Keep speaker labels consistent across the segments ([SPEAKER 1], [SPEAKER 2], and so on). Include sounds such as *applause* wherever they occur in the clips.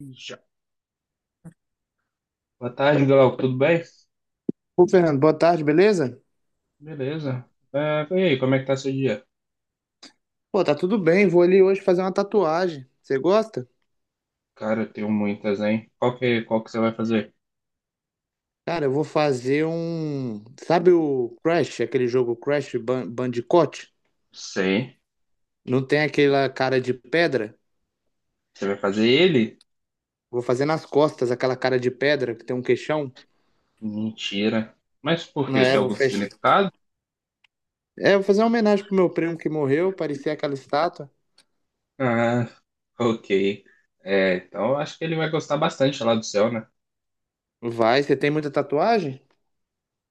[SPEAKER 1] Já. Boa tarde, Glauco. Tudo bem?
[SPEAKER 2] Ô, Fernando, boa tarde, beleza?
[SPEAKER 1] Beleza. E aí, como é que tá seu dia?
[SPEAKER 2] Pô, tá tudo bem, vou ali hoje fazer uma tatuagem. Você gosta?
[SPEAKER 1] Cara, eu tenho muitas, hein? Qual que você vai fazer?
[SPEAKER 2] Cara, eu vou fazer um. Sabe o Crash, aquele jogo Crash Bandicoot?
[SPEAKER 1] Sei.
[SPEAKER 2] Não tem aquela cara de pedra?
[SPEAKER 1] Você vai fazer ele?
[SPEAKER 2] Vou fazer nas costas aquela cara de pedra que tem um queixão.
[SPEAKER 1] Mentira. Mas por quê?
[SPEAKER 2] É,
[SPEAKER 1] Tem
[SPEAKER 2] vou
[SPEAKER 1] algum
[SPEAKER 2] fechar.
[SPEAKER 1] significado?
[SPEAKER 2] É, vou fazer uma homenagem pro meu primo que morreu, parecia aquela estátua.
[SPEAKER 1] Ah, ok. É, então eu acho que ele vai gostar bastante lá do céu, né?
[SPEAKER 2] Vai, você tem muita tatuagem?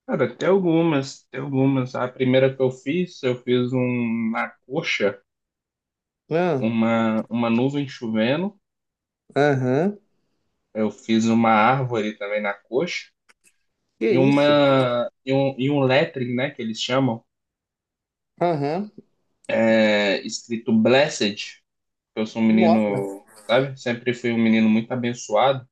[SPEAKER 1] Cara, tem algumas. A primeira que eu fiz um, na coxa,
[SPEAKER 2] Ah,
[SPEAKER 1] uma nuvem chovendo.
[SPEAKER 2] aham.
[SPEAKER 1] Eu fiz uma árvore também na coxa.
[SPEAKER 2] Que
[SPEAKER 1] e
[SPEAKER 2] isso?
[SPEAKER 1] uma e um, e um lettering, né, que eles chamam,
[SPEAKER 2] Aham.
[SPEAKER 1] escrito Blessed. Eu sou um
[SPEAKER 2] Nossa.
[SPEAKER 1] menino, sabe? Sempre fui um menino muito abençoado.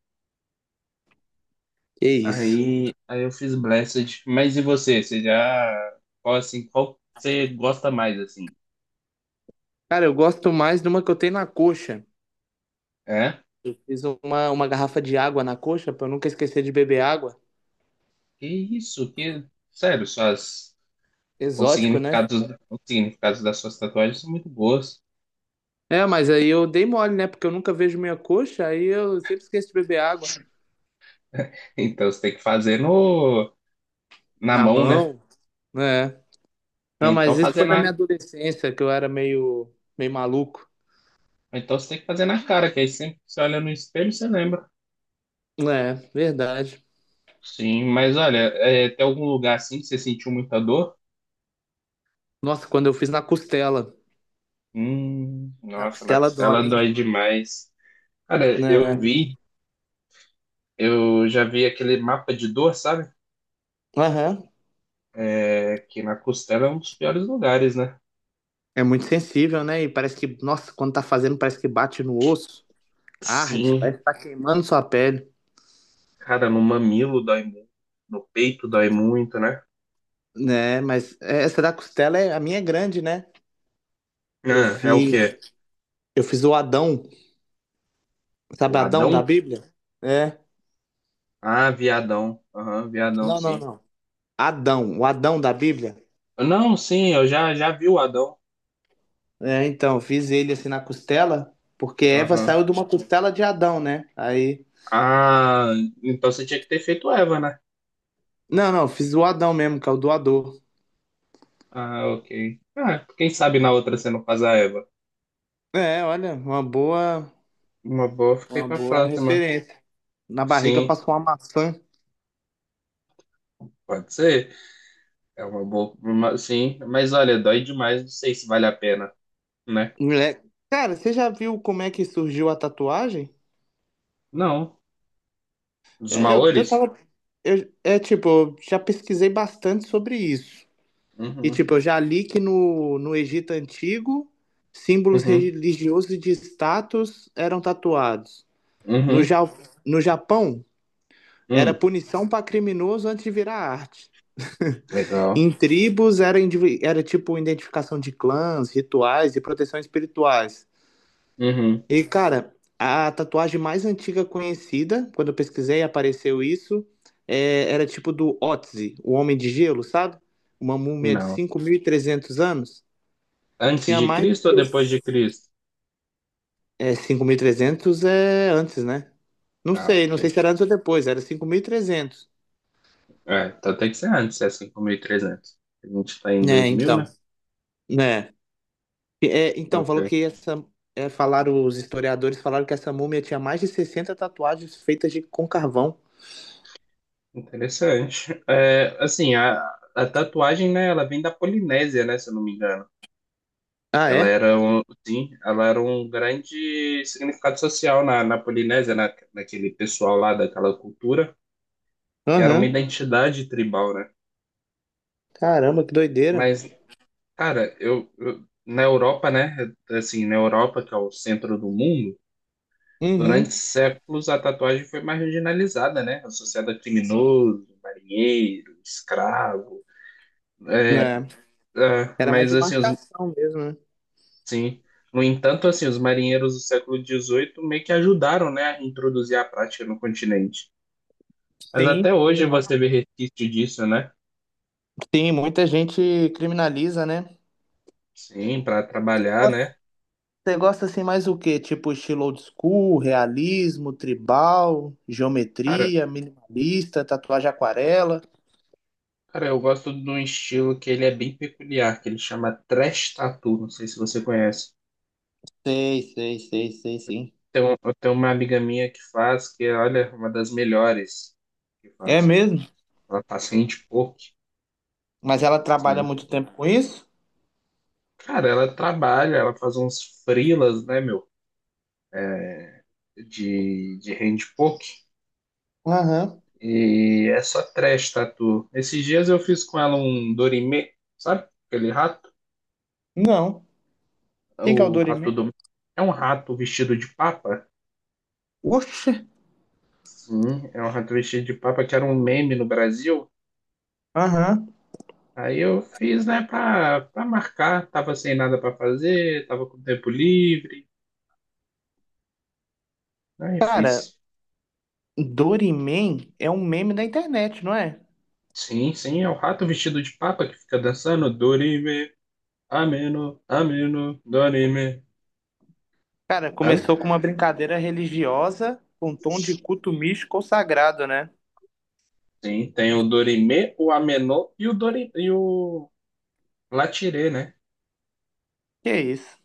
[SPEAKER 2] Que isso?
[SPEAKER 1] Aí eu fiz Blessed. Mas e você? Qual você gosta mais assim?
[SPEAKER 2] Cara, eu gosto mais de uma que eu tenho na coxa.
[SPEAKER 1] É?
[SPEAKER 2] Fiz uma garrafa de água na coxa pra eu nunca esquecer de beber água.
[SPEAKER 1] Que isso? Que sério, suas os
[SPEAKER 2] Exótico, né?
[SPEAKER 1] significados, os significados das suas tatuagens são muito boas. *laughs*
[SPEAKER 2] É, mas aí eu dei mole, né? Porque eu nunca vejo minha coxa, aí eu sempre esqueço de beber água.
[SPEAKER 1] Então você tem que fazer no na
[SPEAKER 2] Na
[SPEAKER 1] mão, né?
[SPEAKER 2] mão, né?
[SPEAKER 1] Ou
[SPEAKER 2] Não,
[SPEAKER 1] então
[SPEAKER 2] mas isso
[SPEAKER 1] fazer
[SPEAKER 2] foi na minha
[SPEAKER 1] na,
[SPEAKER 2] adolescência, que eu era meio maluco.
[SPEAKER 1] ou então você tem que fazer na cara, que aí sempre que você olha no espelho, você lembra.
[SPEAKER 2] É, verdade.
[SPEAKER 1] Sim, mas olha, tem algum lugar assim que você sentiu muita dor?
[SPEAKER 2] Nossa, quando eu fiz na costela. Na
[SPEAKER 1] Nossa, na
[SPEAKER 2] costela dói,
[SPEAKER 1] costela
[SPEAKER 2] hein?
[SPEAKER 1] dói demais. Cara,
[SPEAKER 2] Né?
[SPEAKER 1] eu já vi aquele mapa de dor, sabe?
[SPEAKER 2] Aham.
[SPEAKER 1] É, que na costela é um dos piores lugares, né?
[SPEAKER 2] É muito sensível, né? E parece que, nossa, quando tá fazendo, parece que bate no osso. Arde, parece
[SPEAKER 1] Sim,
[SPEAKER 2] que tá queimando sua pele.
[SPEAKER 1] cara, no mamilo dói muito, no peito dói muito, né?
[SPEAKER 2] Né, mas é, essa da costela é a minha é grande, né? Eu
[SPEAKER 1] Ah, é o
[SPEAKER 2] fiz,
[SPEAKER 1] quê?
[SPEAKER 2] eu fiz o Adão,
[SPEAKER 1] O
[SPEAKER 2] sabe Adão da
[SPEAKER 1] Adão?
[SPEAKER 2] Bíblia? É.
[SPEAKER 1] Ah, viadão. Aham, viadão,
[SPEAKER 2] Não, não,
[SPEAKER 1] sim.
[SPEAKER 2] não. Adão, o Adão da Bíblia.
[SPEAKER 1] Não, sim, já vi o Adão.
[SPEAKER 2] É, então, eu fiz ele assim na costela, porque Eva
[SPEAKER 1] Aham.
[SPEAKER 2] saiu de uma costela de Adão, né? Aí,
[SPEAKER 1] Ah, então você tinha que ter feito Eva, né?
[SPEAKER 2] não, não, eu fiz o Adão mesmo, que é o doador.
[SPEAKER 1] Ah, ok. Ah, quem sabe na outra você não faz a Eva.
[SPEAKER 2] É, olha, uma boa,
[SPEAKER 1] Uma boa, fica aí
[SPEAKER 2] uma
[SPEAKER 1] pra
[SPEAKER 2] boa
[SPEAKER 1] próxima.
[SPEAKER 2] referência. Na barriga eu
[SPEAKER 1] Sim,
[SPEAKER 2] faço uma maçã.
[SPEAKER 1] pode ser. É uma boa. Uma- sim, mas olha, dói demais, não sei se vale a pena, né?
[SPEAKER 2] Moleque, cara, você já viu como é que surgiu a tatuagem?
[SPEAKER 1] Não. Dos
[SPEAKER 2] É, eu
[SPEAKER 1] Maores?
[SPEAKER 2] tava. É tipo, eu já pesquisei bastante sobre isso. E
[SPEAKER 1] Uhum,
[SPEAKER 2] tipo, eu já li que no Egito Antigo, símbolos
[SPEAKER 1] uhum,
[SPEAKER 2] religiosos e de status eram tatuados. No,
[SPEAKER 1] uhum,
[SPEAKER 2] Ja- no Japão, era
[SPEAKER 1] hum,
[SPEAKER 2] punição para criminoso antes de virar arte. Em
[SPEAKER 1] legal.
[SPEAKER 2] tribos, era tipo identificação de clãs, rituais e proteção espirituais.
[SPEAKER 1] Uhum,
[SPEAKER 2] E, cara, a tatuagem mais antiga conhecida, quando eu pesquisei, apareceu isso, é, era tipo do Otzi, o Homem de Gelo, sabe? Uma múmia de
[SPEAKER 1] não.
[SPEAKER 2] 5.300 anos.
[SPEAKER 1] Antes
[SPEAKER 2] Tinha
[SPEAKER 1] de
[SPEAKER 2] mais de...
[SPEAKER 1] Cristo ou depois de Cristo?
[SPEAKER 2] É, 5.300 é antes, né? Não
[SPEAKER 1] Ah,
[SPEAKER 2] sei, não sei
[SPEAKER 1] ok.
[SPEAKER 2] se era antes ou depois, era 5.300.
[SPEAKER 1] É, então tem que ser antes, é 5.300. A gente tá em
[SPEAKER 2] É
[SPEAKER 1] 2000,
[SPEAKER 2] então,
[SPEAKER 1] né?
[SPEAKER 2] né? É, então, falou
[SPEAKER 1] Ok.
[SPEAKER 2] que essa... É, falaram, os historiadores falaram que essa múmia tinha mais de 60 tatuagens feitas de, com carvão.
[SPEAKER 1] Interessante. A tatuagem, né, ela vem da Polinésia, né, se eu não me engano.
[SPEAKER 2] Ah,
[SPEAKER 1] Ela
[SPEAKER 2] é?
[SPEAKER 1] era um, sim, ela era um grande significado social na Polinésia, naquele pessoal lá daquela cultura, e era uma
[SPEAKER 2] Aham.
[SPEAKER 1] identidade tribal, né?
[SPEAKER 2] Caramba, que doideira.
[SPEAKER 1] Mas, cara, na Europa, né, assim, na Europa, que é o centro do mundo, durante
[SPEAKER 2] Uhum,
[SPEAKER 1] séculos a tatuagem foi marginalizada, né, associada a criminoso, marinheiro, escravo, é,
[SPEAKER 2] né? Era mais
[SPEAKER 1] mas
[SPEAKER 2] de
[SPEAKER 1] assim, os
[SPEAKER 2] marcação mesmo, né?
[SPEAKER 1] sim. No entanto, assim, os marinheiros do século 18 meio que ajudaram, né, a introduzir a prática no continente. Mas
[SPEAKER 2] Sim.
[SPEAKER 1] até hoje você vê resquício disso, né?
[SPEAKER 2] Sim, muita gente criminaliza, né?
[SPEAKER 1] Sim, para
[SPEAKER 2] Você
[SPEAKER 1] trabalhar,
[SPEAKER 2] gosta,
[SPEAKER 1] né?
[SPEAKER 2] Você gosta assim mais o quê? Tipo estilo old school, realismo, tribal,
[SPEAKER 1] Cara,
[SPEAKER 2] geometria, minimalista, tatuagem aquarela.
[SPEAKER 1] cara, eu gosto de um estilo que ele é bem peculiar, que ele chama trash tattoo, não sei se você conhece.
[SPEAKER 2] Sei, sei, sei, sei, sim.
[SPEAKER 1] Tem um, eu tenho uma amiga minha que faz, que olha, é uma das melhores que
[SPEAKER 2] É
[SPEAKER 1] faz.
[SPEAKER 2] mesmo?
[SPEAKER 1] Ela faz handpoke,
[SPEAKER 2] Mas ela trabalha
[SPEAKER 1] sim.
[SPEAKER 2] muito tempo com isso?
[SPEAKER 1] Cara, ela trabalha, ela faz uns freelas, né, meu, de handpoke.
[SPEAKER 2] Aham.
[SPEAKER 1] E essa trash tatu. Esses dias eu fiz com ela um Dorime, sabe? Aquele rato.
[SPEAKER 2] Não. Quem que é o
[SPEAKER 1] O rato
[SPEAKER 2] Dorimê?
[SPEAKER 1] do. É um rato vestido de papa?
[SPEAKER 2] Oxe,
[SPEAKER 1] Sim, é um rato vestido de papa que era um meme no Brasil.
[SPEAKER 2] aham.
[SPEAKER 1] Aí eu fiz, né, pra marcar. Tava sem nada pra fazer, tava com tempo livre. Aí
[SPEAKER 2] Cara,
[SPEAKER 1] fiz.
[SPEAKER 2] Dorimê é um meme da internet, não é?
[SPEAKER 1] Sim, é o rato vestido de papa que fica dançando Dorime, Ameno, Ameno, Dorime.
[SPEAKER 2] Cara,
[SPEAKER 1] Sabe?
[SPEAKER 2] começou com uma brincadeira religiosa com um tom de culto místico ou sagrado, né?
[SPEAKER 1] Sim, tem o Dorime, o Ameno e o Dorime, e o Latirê, né?
[SPEAKER 2] Que é isso.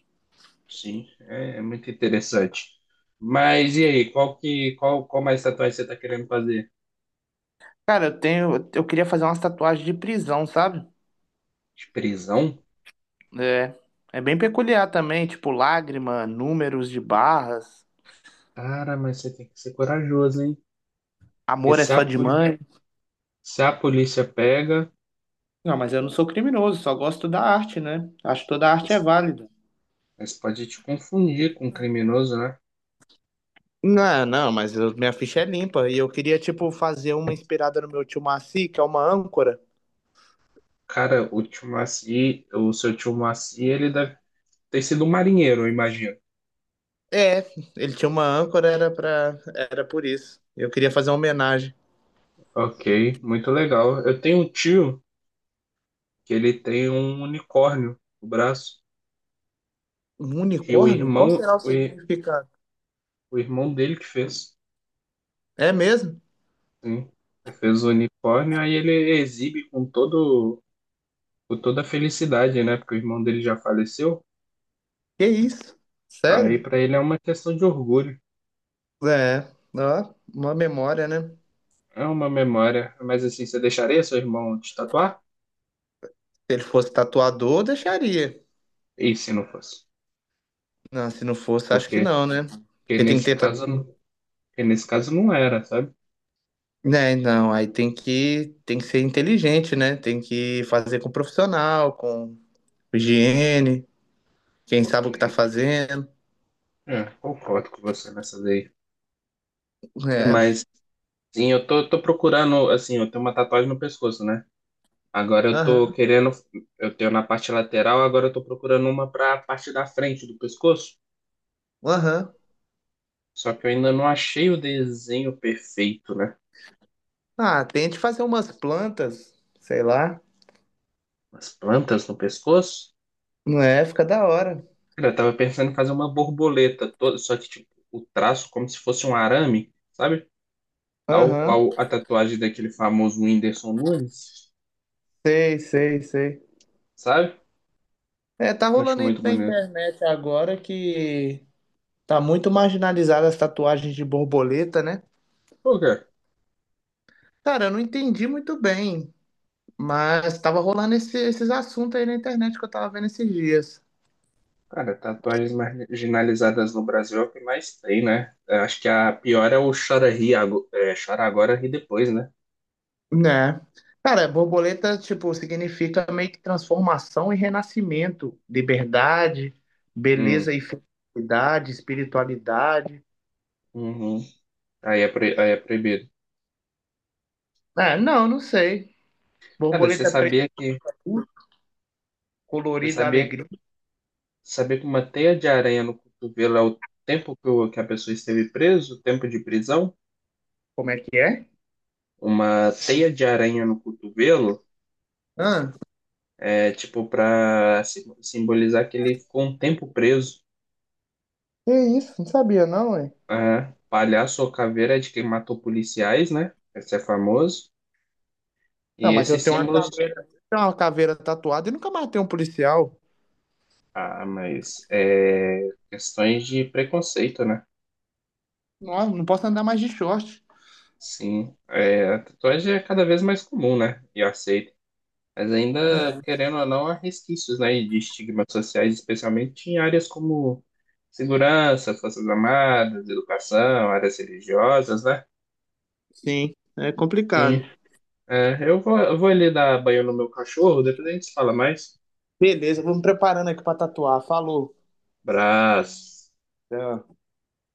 [SPEAKER 1] Sim, é muito interessante. Mas e aí, qual mais tatuagem você tá querendo fazer?
[SPEAKER 2] Cara, eu tenho, eu queria fazer umas tatuagens de prisão, sabe?
[SPEAKER 1] De prisão?
[SPEAKER 2] É, é bem peculiar também, tipo lágrima, números de barras,
[SPEAKER 1] Cara, mas você tem que ser corajoso, hein? Porque
[SPEAKER 2] amor é
[SPEAKER 1] se a,
[SPEAKER 2] só de
[SPEAKER 1] poli-
[SPEAKER 2] mãe.
[SPEAKER 1] Se a polícia pega,
[SPEAKER 2] Não, mas eu não sou criminoso, só gosto da arte, né? Acho que toda arte é
[SPEAKER 1] mas,
[SPEAKER 2] válida.
[SPEAKER 1] mas pode te confundir com um criminoso, né?
[SPEAKER 2] Não, não, mas eu- minha ficha é limpa e eu queria, tipo, fazer uma inspirada no meu tio Maci, que é uma âncora.
[SPEAKER 1] Cara, o seu tio Maci, ele deve ter sido um marinheiro, eu imagino.
[SPEAKER 2] É, ele tinha uma âncora, era por isso. Eu queria fazer uma homenagem.
[SPEAKER 1] Ok, muito legal. Eu tenho um tio que ele tem um unicórnio no braço.
[SPEAKER 2] Um
[SPEAKER 1] E o
[SPEAKER 2] unicórnio? Qual
[SPEAKER 1] irmão,
[SPEAKER 2] será o significado?
[SPEAKER 1] O irmão dele que fez,
[SPEAKER 2] É mesmo?
[SPEAKER 1] sim. Ele fez o unicórnio, aí ele exibe com todo, com toda a felicidade, né? Porque o irmão dele já faleceu.
[SPEAKER 2] Que isso?
[SPEAKER 1] Aí
[SPEAKER 2] Sério?
[SPEAKER 1] pra ele é uma questão de orgulho,
[SPEAKER 2] É, ó, uma memória, né? Se
[SPEAKER 1] é uma memória. Mas assim, você deixaria seu irmão te tatuar?
[SPEAKER 2] ele fosse tatuador, eu deixaria.
[SPEAKER 1] E se não fosse?
[SPEAKER 2] Não, se não fosse, acho que
[SPEAKER 1] Porque,
[SPEAKER 2] não, né?
[SPEAKER 1] porque
[SPEAKER 2] Porque tem que
[SPEAKER 1] nesse
[SPEAKER 2] ter.
[SPEAKER 1] caso, não- porque nesse caso não era, sabe?
[SPEAKER 2] Né, não, aí tem que ser inteligente, né? Tem que fazer com profissional, com higiene, quem sabe
[SPEAKER 1] Ok.
[SPEAKER 2] o que tá fazendo.
[SPEAKER 1] É, concordo com você nessa daí.
[SPEAKER 2] É,
[SPEAKER 1] Mas, sim, tô procurando, assim, eu tenho uma tatuagem no pescoço, né? Agora eu tô
[SPEAKER 2] aham,
[SPEAKER 1] querendo, eu tenho na parte lateral, agora eu tô procurando uma para a parte da frente do pescoço.
[SPEAKER 2] aham.
[SPEAKER 1] Só que eu ainda não achei o desenho perfeito, né?
[SPEAKER 2] Ah, tente fazer umas plantas, sei lá.
[SPEAKER 1] As plantas no pescoço.
[SPEAKER 2] Não é? Fica da hora.
[SPEAKER 1] Cara, eu tava pensando em fazer uma borboleta toda, só que tipo, o traço como se fosse um arame, sabe? Tal
[SPEAKER 2] Aham,
[SPEAKER 1] qual a tatuagem daquele famoso Whindersson Nunes,
[SPEAKER 2] sei, sei, sei.
[SPEAKER 1] sabe?
[SPEAKER 2] É, tá
[SPEAKER 1] Acho
[SPEAKER 2] rolando aí
[SPEAKER 1] muito
[SPEAKER 2] na
[SPEAKER 1] bonito.
[SPEAKER 2] internet agora que tá muito marginalizada as tatuagens de borboleta, né?
[SPEAKER 1] Por quê?
[SPEAKER 2] Cara, eu não entendi muito bem, mas tava rolando esses assuntos aí na internet que eu tava vendo esses dias.
[SPEAKER 1] Cara, tatuagens marginalizadas no Brasil é o que mais tem, né? Eu acho que a pior é o chora agora, ri depois, né?
[SPEAKER 2] Né? Cara, borboleta, tipo, significa meio que transformação e renascimento, liberdade,
[SPEAKER 1] Hum,
[SPEAKER 2] beleza e felicidade, espiritualidade.
[SPEAKER 1] uhum. Aí é, pro- aí é proibido.
[SPEAKER 2] Ah, não, não sei.
[SPEAKER 1] Cara, você
[SPEAKER 2] Borboleta preta,
[SPEAKER 1] sabia que você
[SPEAKER 2] colorida
[SPEAKER 1] sabia,
[SPEAKER 2] alegria,
[SPEAKER 1] sabia que uma teia de aranha no cotovelo é o tempo que, o- que a pessoa esteve preso, o tempo de prisão?
[SPEAKER 2] como é que é?
[SPEAKER 1] Uma teia de aranha no cotovelo
[SPEAKER 2] Ah,
[SPEAKER 1] é tipo para simbolizar que ele ficou um tempo preso.
[SPEAKER 2] que isso? Não sabia não, ué.
[SPEAKER 1] Ah, palhaço ou caveira é de quem matou policiais, né? Esse é famoso.
[SPEAKER 2] Não,
[SPEAKER 1] E
[SPEAKER 2] mas eu
[SPEAKER 1] esses símbolos,
[SPEAKER 2] tenho uma caveira tatuada e nunca matei um policial.
[SPEAKER 1] ah, mas é questões de preconceito, né?
[SPEAKER 2] Não, não posso andar mais de short.
[SPEAKER 1] Sim, é, a tatuagem é cada vez mais comum, né? E aceita. Mas ainda,
[SPEAKER 2] Né?
[SPEAKER 1] querendo ou não, há resquícios, né, de estigmas sociais, especialmente em áreas como segurança, forças armadas, educação, áreas religiosas, né?
[SPEAKER 2] Sim, é
[SPEAKER 1] Sim,
[SPEAKER 2] complicado.
[SPEAKER 1] é, eu vou ali dar banho no meu cachorro, depois a gente fala mais.
[SPEAKER 2] Beleza, vou me preparando aqui pra tatuar. Falou.
[SPEAKER 1] Abraço.
[SPEAKER 2] Tchau.